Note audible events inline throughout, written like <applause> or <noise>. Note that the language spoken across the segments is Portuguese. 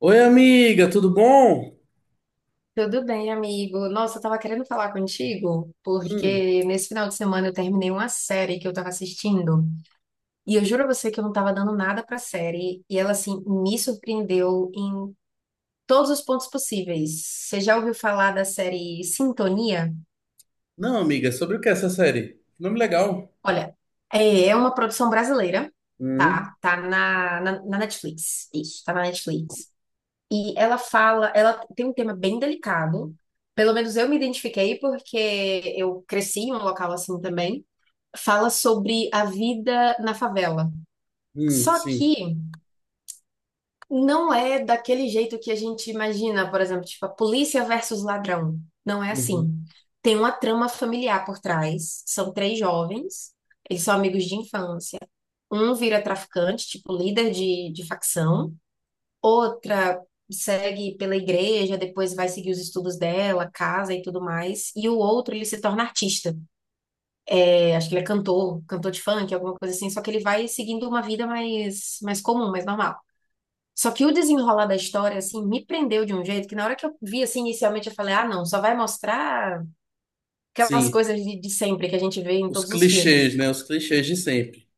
Oi, amiga, tudo bom? Tudo bem, amigo. Nossa, eu tava querendo falar contigo, Hum, porque nesse final de semana eu terminei uma série que eu tava assistindo, e eu juro a você que eu não tava dando nada pra série, e ela, assim, me surpreendeu em todos os pontos possíveis. Você já ouviu falar da série Sintonia? não, amiga, sobre o que é essa série? Nome legal. Olha, é uma produção brasileira, Hum, tá? Tá na Netflix. Isso, tá na Netflix. E ela fala, ela tem um tema bem delicado, pelo menos eu me identifiquei porque eu cresci em um local assim também. Fala sobre a vida na favela. Só sim. que não é daquele jeito que a gente imagina, por exemplo, tipo a polícia versus ladrão. Não é Uhum, assim. Tem uma trama familiar por trás. São três jovens, eles são amigos de infância. Um vira traficante, tipo líder de facção. Outra segue pela igreja, depois vai seguir os estudos dela, casa e tudo mais. E o outro, ele se torna artista. Acho que ele é cantor, cantor de funk, alguma coisa assim, só que ele vai seguindo uma vida mais, mais comum, mais normal. Só que o desenrolar da história, assim, me prendeu de um jeito que na hora que eu vi, assim, inicialmente eu falei, ah, não, só vai mostrar aquelas sim. coisas de sempre que a gente vê em Os todos os clichês, filmes. né? Os clichês de sempre.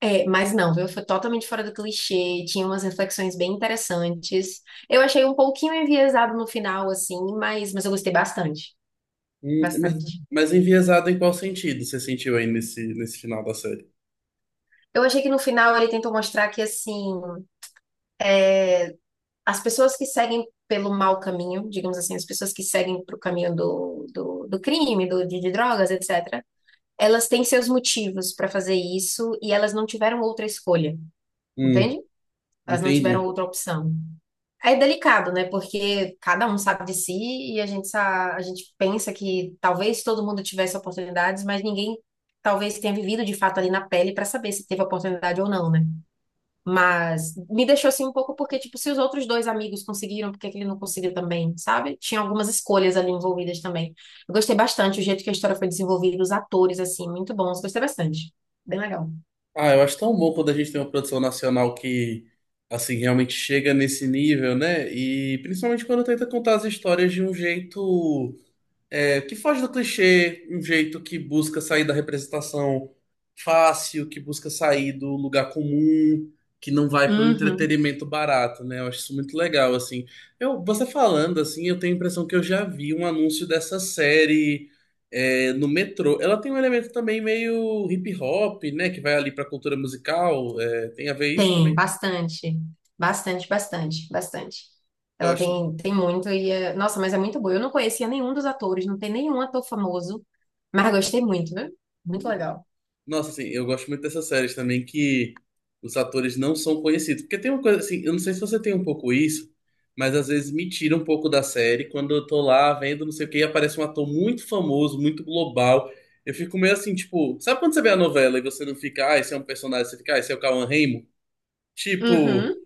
É, mas não, viu? Foi totalmente fora do clichê, tinha umas reflexões bem interessantes. Eu achei um pouquinho enviesado no final, assim, mas eu gostei bastante, Hum, mas, bastante. mas enviesado em qual sentido você sentiu aí nesse, nesse final da série? Eu achei que no final ele tentou mostrar que, assim, as pessoas que seguem pelo mau caminho, digamos assim, as pessoas que seguem para o caminho do crime, de drogas, etc., elas têm seus motivos para fazer isso e elas não tiveram outra escolha, Hum, entende? Elas não tiveram entendi. outra opção. É delicado, né? Porque cada um sabe de si e a gente pensa que talvez todo mundo tivesse oportunidades, mas ninguém talvez tenha vivido de fato ali na pele para saber se teve oportunidade ou não, né? Mas me deixou assim um pouco porque, tipo, se os outros dois amigos conseguiram, por que que ele não conseguiu também, sabe? Tinha algumas escolhas ali envolvidas também. Eu gostei bastante o jeito que a história foi desenvolvida, os atores, assim, muito bons. Gostei bastante. Bem legal. Ah, eu acho tão bom quando a gente tem uma produção nacional que, assim, realmente chega nesse nível, né? E principalmente quando tenta contar as histórias de um jeito. Que foge do clichê, um jeito que busca sair da representação fácil, que busca sair do lugar comum, que não vai para o Uhum. entretenimento barato, né? Eu acho isso muito legal, assim. Eu, você falando, assim, eu tenho a impressão que eu já vi um anúncio dessa série no metrô. Ela tem um elemento também meio hip hop, né? Que vai ali para a cultura musical. Tem a ver isso Tem, também? bastante. Bastante, bastante, bastante. Eu Ela acho. tem, tem muito e é... Nossa, mas é muito boa. Eu não conhecia nenhum dos atores, não tem nenhum ator famoso, mas gostei muito, né? Muito legal. Nossa, assim, eu gosto muito dessas séries também que os atores não são conhecidos. Porque tem uma coisa assim, eu não sei se você tem um pouco isso, mas às vezes me tira um pouco da série quando eu tô lá vendo não sei o que e aparece um ator muito famoso, muito global. Eu fico meio assim, tipo, sabe quando você vê a novela e você não fica, ah, esse é um personagem, você fica, ah, esse é o Cauan Raymond? Uhum, Tipo,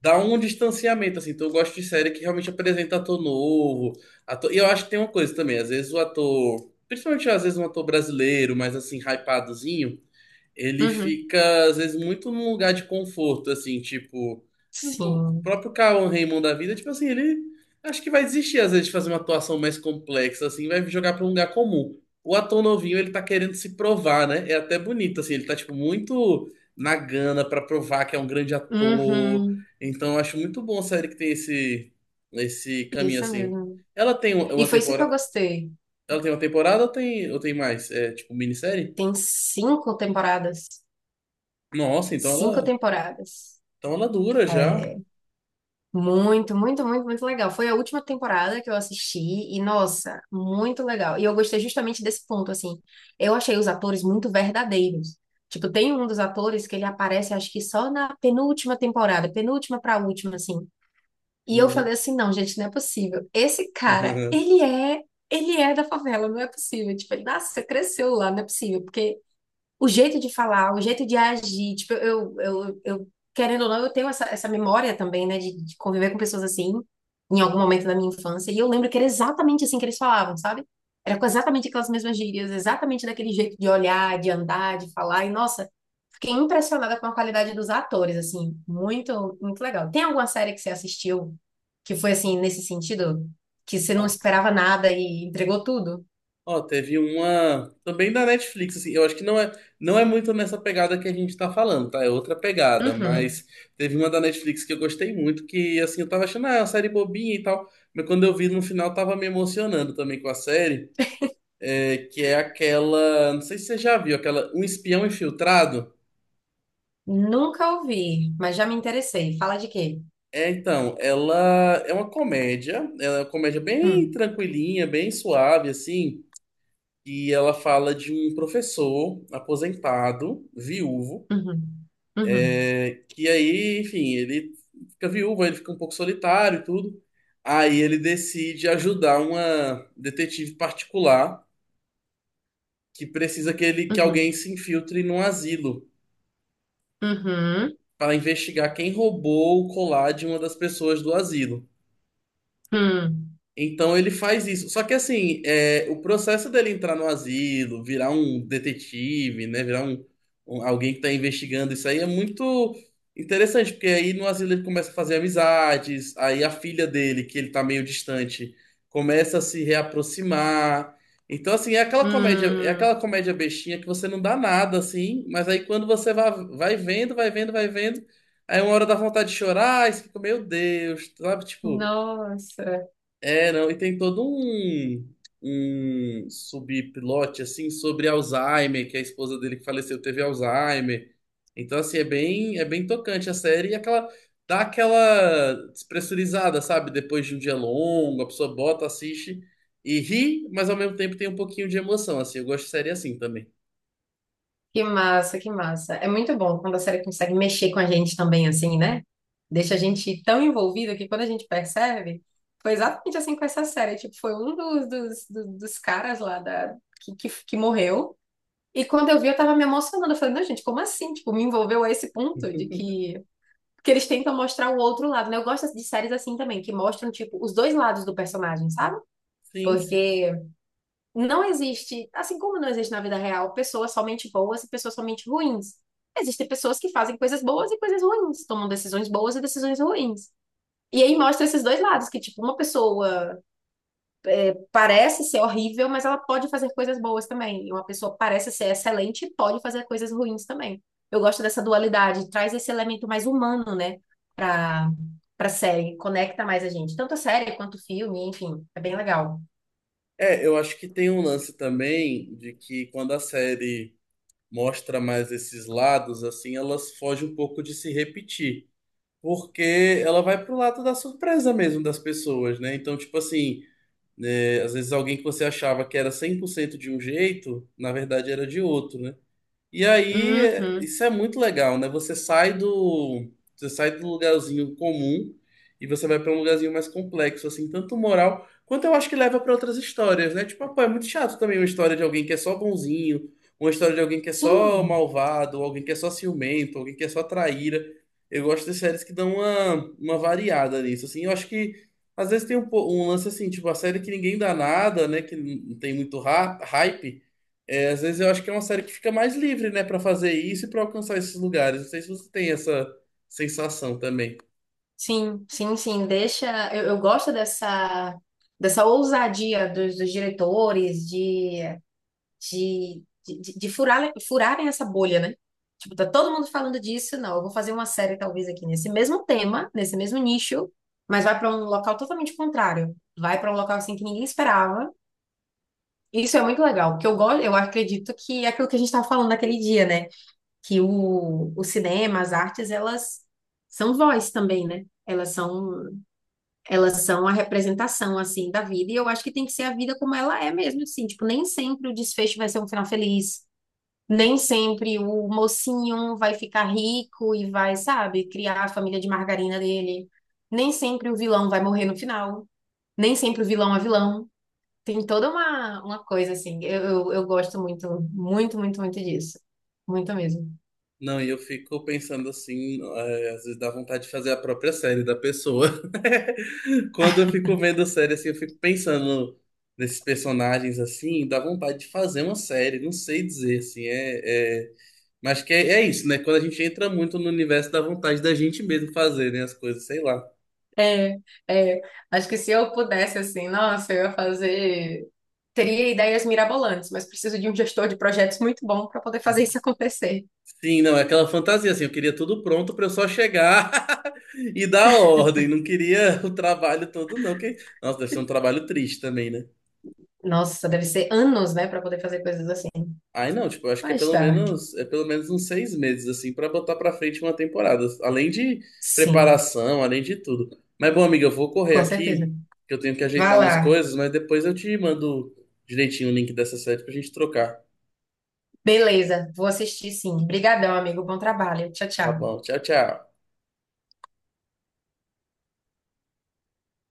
dá um distanciamento, assim. Então eu gosto de série que realmente apresenta ator novo. Ator... E eu acho que tem uma coisa também, às vezes o ator, principalmente às vezes um ator brasileiro, mas assim, hypadozinho ele uhum. fica, às vezes, muito num lugar de conforto, assim, tipo, o Sim. próprio Cauã Raymond da vida, tipo assim, ele acho que vai desistir, às vezes, de fazer uma atuação mais complexa, assim, vai jogar pra um lugar comum. O ator novinho, ele tá querendo se provar, né? É até bonito, assim, ele tá, tipo, muito na gana pra provar que é um grande ator. Uhum. Então, eu acho muito bom a série que tem esse, esse caminho, Isso assim. mesmo. Ela tem E uma foi isso que eu temporada. gostei. Ela tem uma temporada ou tem mais? É tipo minissérie? Tem cinco temporadas. Nossa, então Cinco ela. temporadas. Então ela dura já. É muito, muito, muito, muito legal. Foi a última temporada que eu assisti e, nossa, muito legal. E eu gostei justamente desse ponto, assim. Eu achei os atores muito verdadeiros. Tipo, tem um dos atores que ele aparece, acho que só na penúltima temporada, penúltima pra última, assim. E eu Uhum. falei assim, não, gente, não é possível. Esse cara, <laughs> ele é da favela, não é possível. Tipo, ele nasceu, cresceu lá, não é possível, porque o jeito de falar, o jeito de agir. Tipo, eu querendo ou não, eu tenho essa memória também, né, de conviver com pessoas assim, em algum momento da minha infância. E eu lembro que era exatamente assim que eles falavam, sabe? Era com exatamente aquelas mesmas gírias, exatamente daquele jeito de olhar, de andar, de falar. E, nossa, fiquei impressionada com a qualidade dos atores, assim, muito, muito legal. Tem alguma série que você assistiu que foi assim, nesse sentido? Que você não Ah, esperava nada e entregou tudo? ó, teve uma também da Netflix, assim, eu acho que não é, não é muito nessa pegada que a gente tá falando, tá? É outra pegada, Uhum. mas teve uma da Netflix que eu gostei muito, que assim, eu tava achando, ah, é uma série bobinha e tal, mas quando eu vi no final tava me emocionando também com a série, que é aquela, não sei se você já viu, aquela Um Espião Infiltrado. Nunca ouvi, mas já me interessei. Fala de quê? É, então, ela é uma comédia, ela é uma comédia bem Hum, tranquilinha, bem suave, assim. E ela fala de um professor aposentado, viúvo, uhum, uhum, que aí, enfim, ele fica viúvo, ele fica um pouco solitário e tudo. Aí ele decide ajudar uma detetive particular que precisa que, ele, que alguém uhum, se infiltre num asilo uhum, para investigar quem roubou o colar de uma das pessoas do asilo. hum, Então ele faz isso. Só que assim, é, o processo dele entrar no asilo, virar um detetive, né? Virar um, alguém que tá investigando isso aí é muito interessante, porque aí no asilo ele começa a fazer amizades, aí a filha dele, que ele tá meio distante, começa a se reaproximar. Então, assim, é aquela hum. comédia bestinha que você não dá nada, assim, mas aí quando você vai, vai vendo, vai vendo, vai vendo, aí uma hora dá vontade de chorar, aí você fica, meu Deus, sabe? Tipo. Nossa, É, não, e tem todo um, um subplot, assim, sobre Alzheimer, que a esposa dele que faleceu teve Alzheimer. Então, assim, é bem tocante a série e aquela, dá aquela despressurizada, sabe? Depois de um dia longo, a pessoa bota, assiste e ri, mas ao mesmo tempo tem um pouquinho de emoção, assim. Eu gosto de série assim também. que massa, que massa. É muito bom quando a série consegue mexer com a gente também, assim, né? Deixa a gente tão envolvido que quando a gente percebe, foi exatamente assim com essa série. Tipo, foi um dos caras lá da, que morreu. E quando eu vi, eu tava me emocionando. Eu falei, não, gente, como assim? Tipo, me envolveu a esse ponto de <laughs> que porque eles tentam mostrar o outro lado, né? Eu gosto de séries assim também, que mostram, tipo, os dois lados do personagem, sabe? Sim, sim. Porque não existe, assim como não existe na vida real, pessoas somente boas e pessoas somente ruins. Existem pessoas que fazem coisas boas e coisas ruins, tomam decisões boas e decisões ruins. E aí mostra esses dois lados, que, tipo, uma pessoa parece ser horrível, mas ela pode fazer coisas boas também. E uma pessoa parece ser excelente e pode fazer coisas ruins também. Eu gosto dessa dualidade, traz esse elemento mais humano, né, pra, pra, série, conecta mais a gente. Tanto a série quanto o filme, enfim, é bem legal. É, eu acho que tem um lance também de que quando a série mostra mais esses lados, assim, elas fogem um pouco de se repetir. Porque ela vai pro lado da surpresa mesmo das pessoas, né? Então, tipo assim, né, às vezes alguém que você achava que era 100% de um jeito, na verdade era de outro, né? E aí, Uhum. isso é muito legal, né? Você sai do lugarzinho comum e você vai para um lugarzinho mais complexo, assim, tanto moral quanto eu acho que leva para outras histórias, né? Tipo, ah, pô, é muito chato também uma história de alguém que é só bonzinho, uma história de alguém que é só Sim, malvado, alguém que é só ciumento, alguém que é só traíra. Eu gosto de séries que dão uma variada nisso, assim. Eu acho que às vezes tem um, um lance assim, tipo, a série que ninguém dá nada, né? Que não tem muito hype. É, às vezes eu acho que é uma série que fica mais livre, né, pra fazer isso e pra alcançar esses lugares. Não sei se você tem essa sensação também. sim, sim, sim. Deixa. Eu gosto dessa ousadia dos diretores, de furarem essa bolha, né? Tipo, tá todo mundo falando disso, não, eu vou fazer uma série talvez aqui nesse mesmo tema, nesse mesmo nicho, mas vai para um local totalmente contrário. Vai para um local assim que ninguém esperava. Isso é muito legal, porque eu gosto, eu acredito que é aquilo que a gente estava falando naquele dia, né? Que o cinema, as artes, elas são voz também, né? Elas são a representação, assim, da vida, e eu acho que tem que ser a vida como ela é mesmo, assim, tipo, nem sempre o desfecho vai ser um final feliz, nem sempre o mocinho vai ficar rico e vai, sabe, criar a família de margarina dele. Nem sempre o vilão vai morrer no final. Nem sempre o vilão é vilão. Tem toda uma coisa assim. Eu gosto muito, muito, muito, muito disso. Muito mesmo. Não, e eu fico pensando assim, às vezes dá vontade de fazer a própria série da pessoa. <laughs> Quando eu fico vendo série assim, eu fico pensando nesses personagens assim, dá vontade de fazer uma série, não sei dizer assim, mas que é, é isso, né? Quando a gente entra muito no universo, dá vontade da gente mesmo fazer, né, as coisas, sei lá. É, é. Acho que se eu pudesse, assim, nossa, eu ia fazer. Teria ideias mirabolantes, mas preciso de um gestor de projetos muito bom para poder fazer isso <laughs> acontecer. Sim, não, é aquela fantasia assim, eu queria tudo pronto pra eu só chegar. <laughs> E da ordem, não queria <laughs> o trabalho todo, não. Que... Nossa, deve ser um trabalho triste também, né? Nossa, deve ser anos, né, para poder fazer coisas assim. Ai, não, tipo, eu acho que Mas tá. É pelo menos uns 6 meses, assim, pra botar pra frente uma temporada. Além de Sim. preparação, além de tudo. Mas, bom, amiga, eu vou correr Com certeza. aqui, que eu tenho que Vá ajeitar umas lá. coisas, mas depois eu te mando direitinho o link dessa série pra gente trocar. Beleza, vou assistir sim. Obrigadão, amigo. Bom trabalho. Tchau, Tá tchau. bom, tchau, tchau.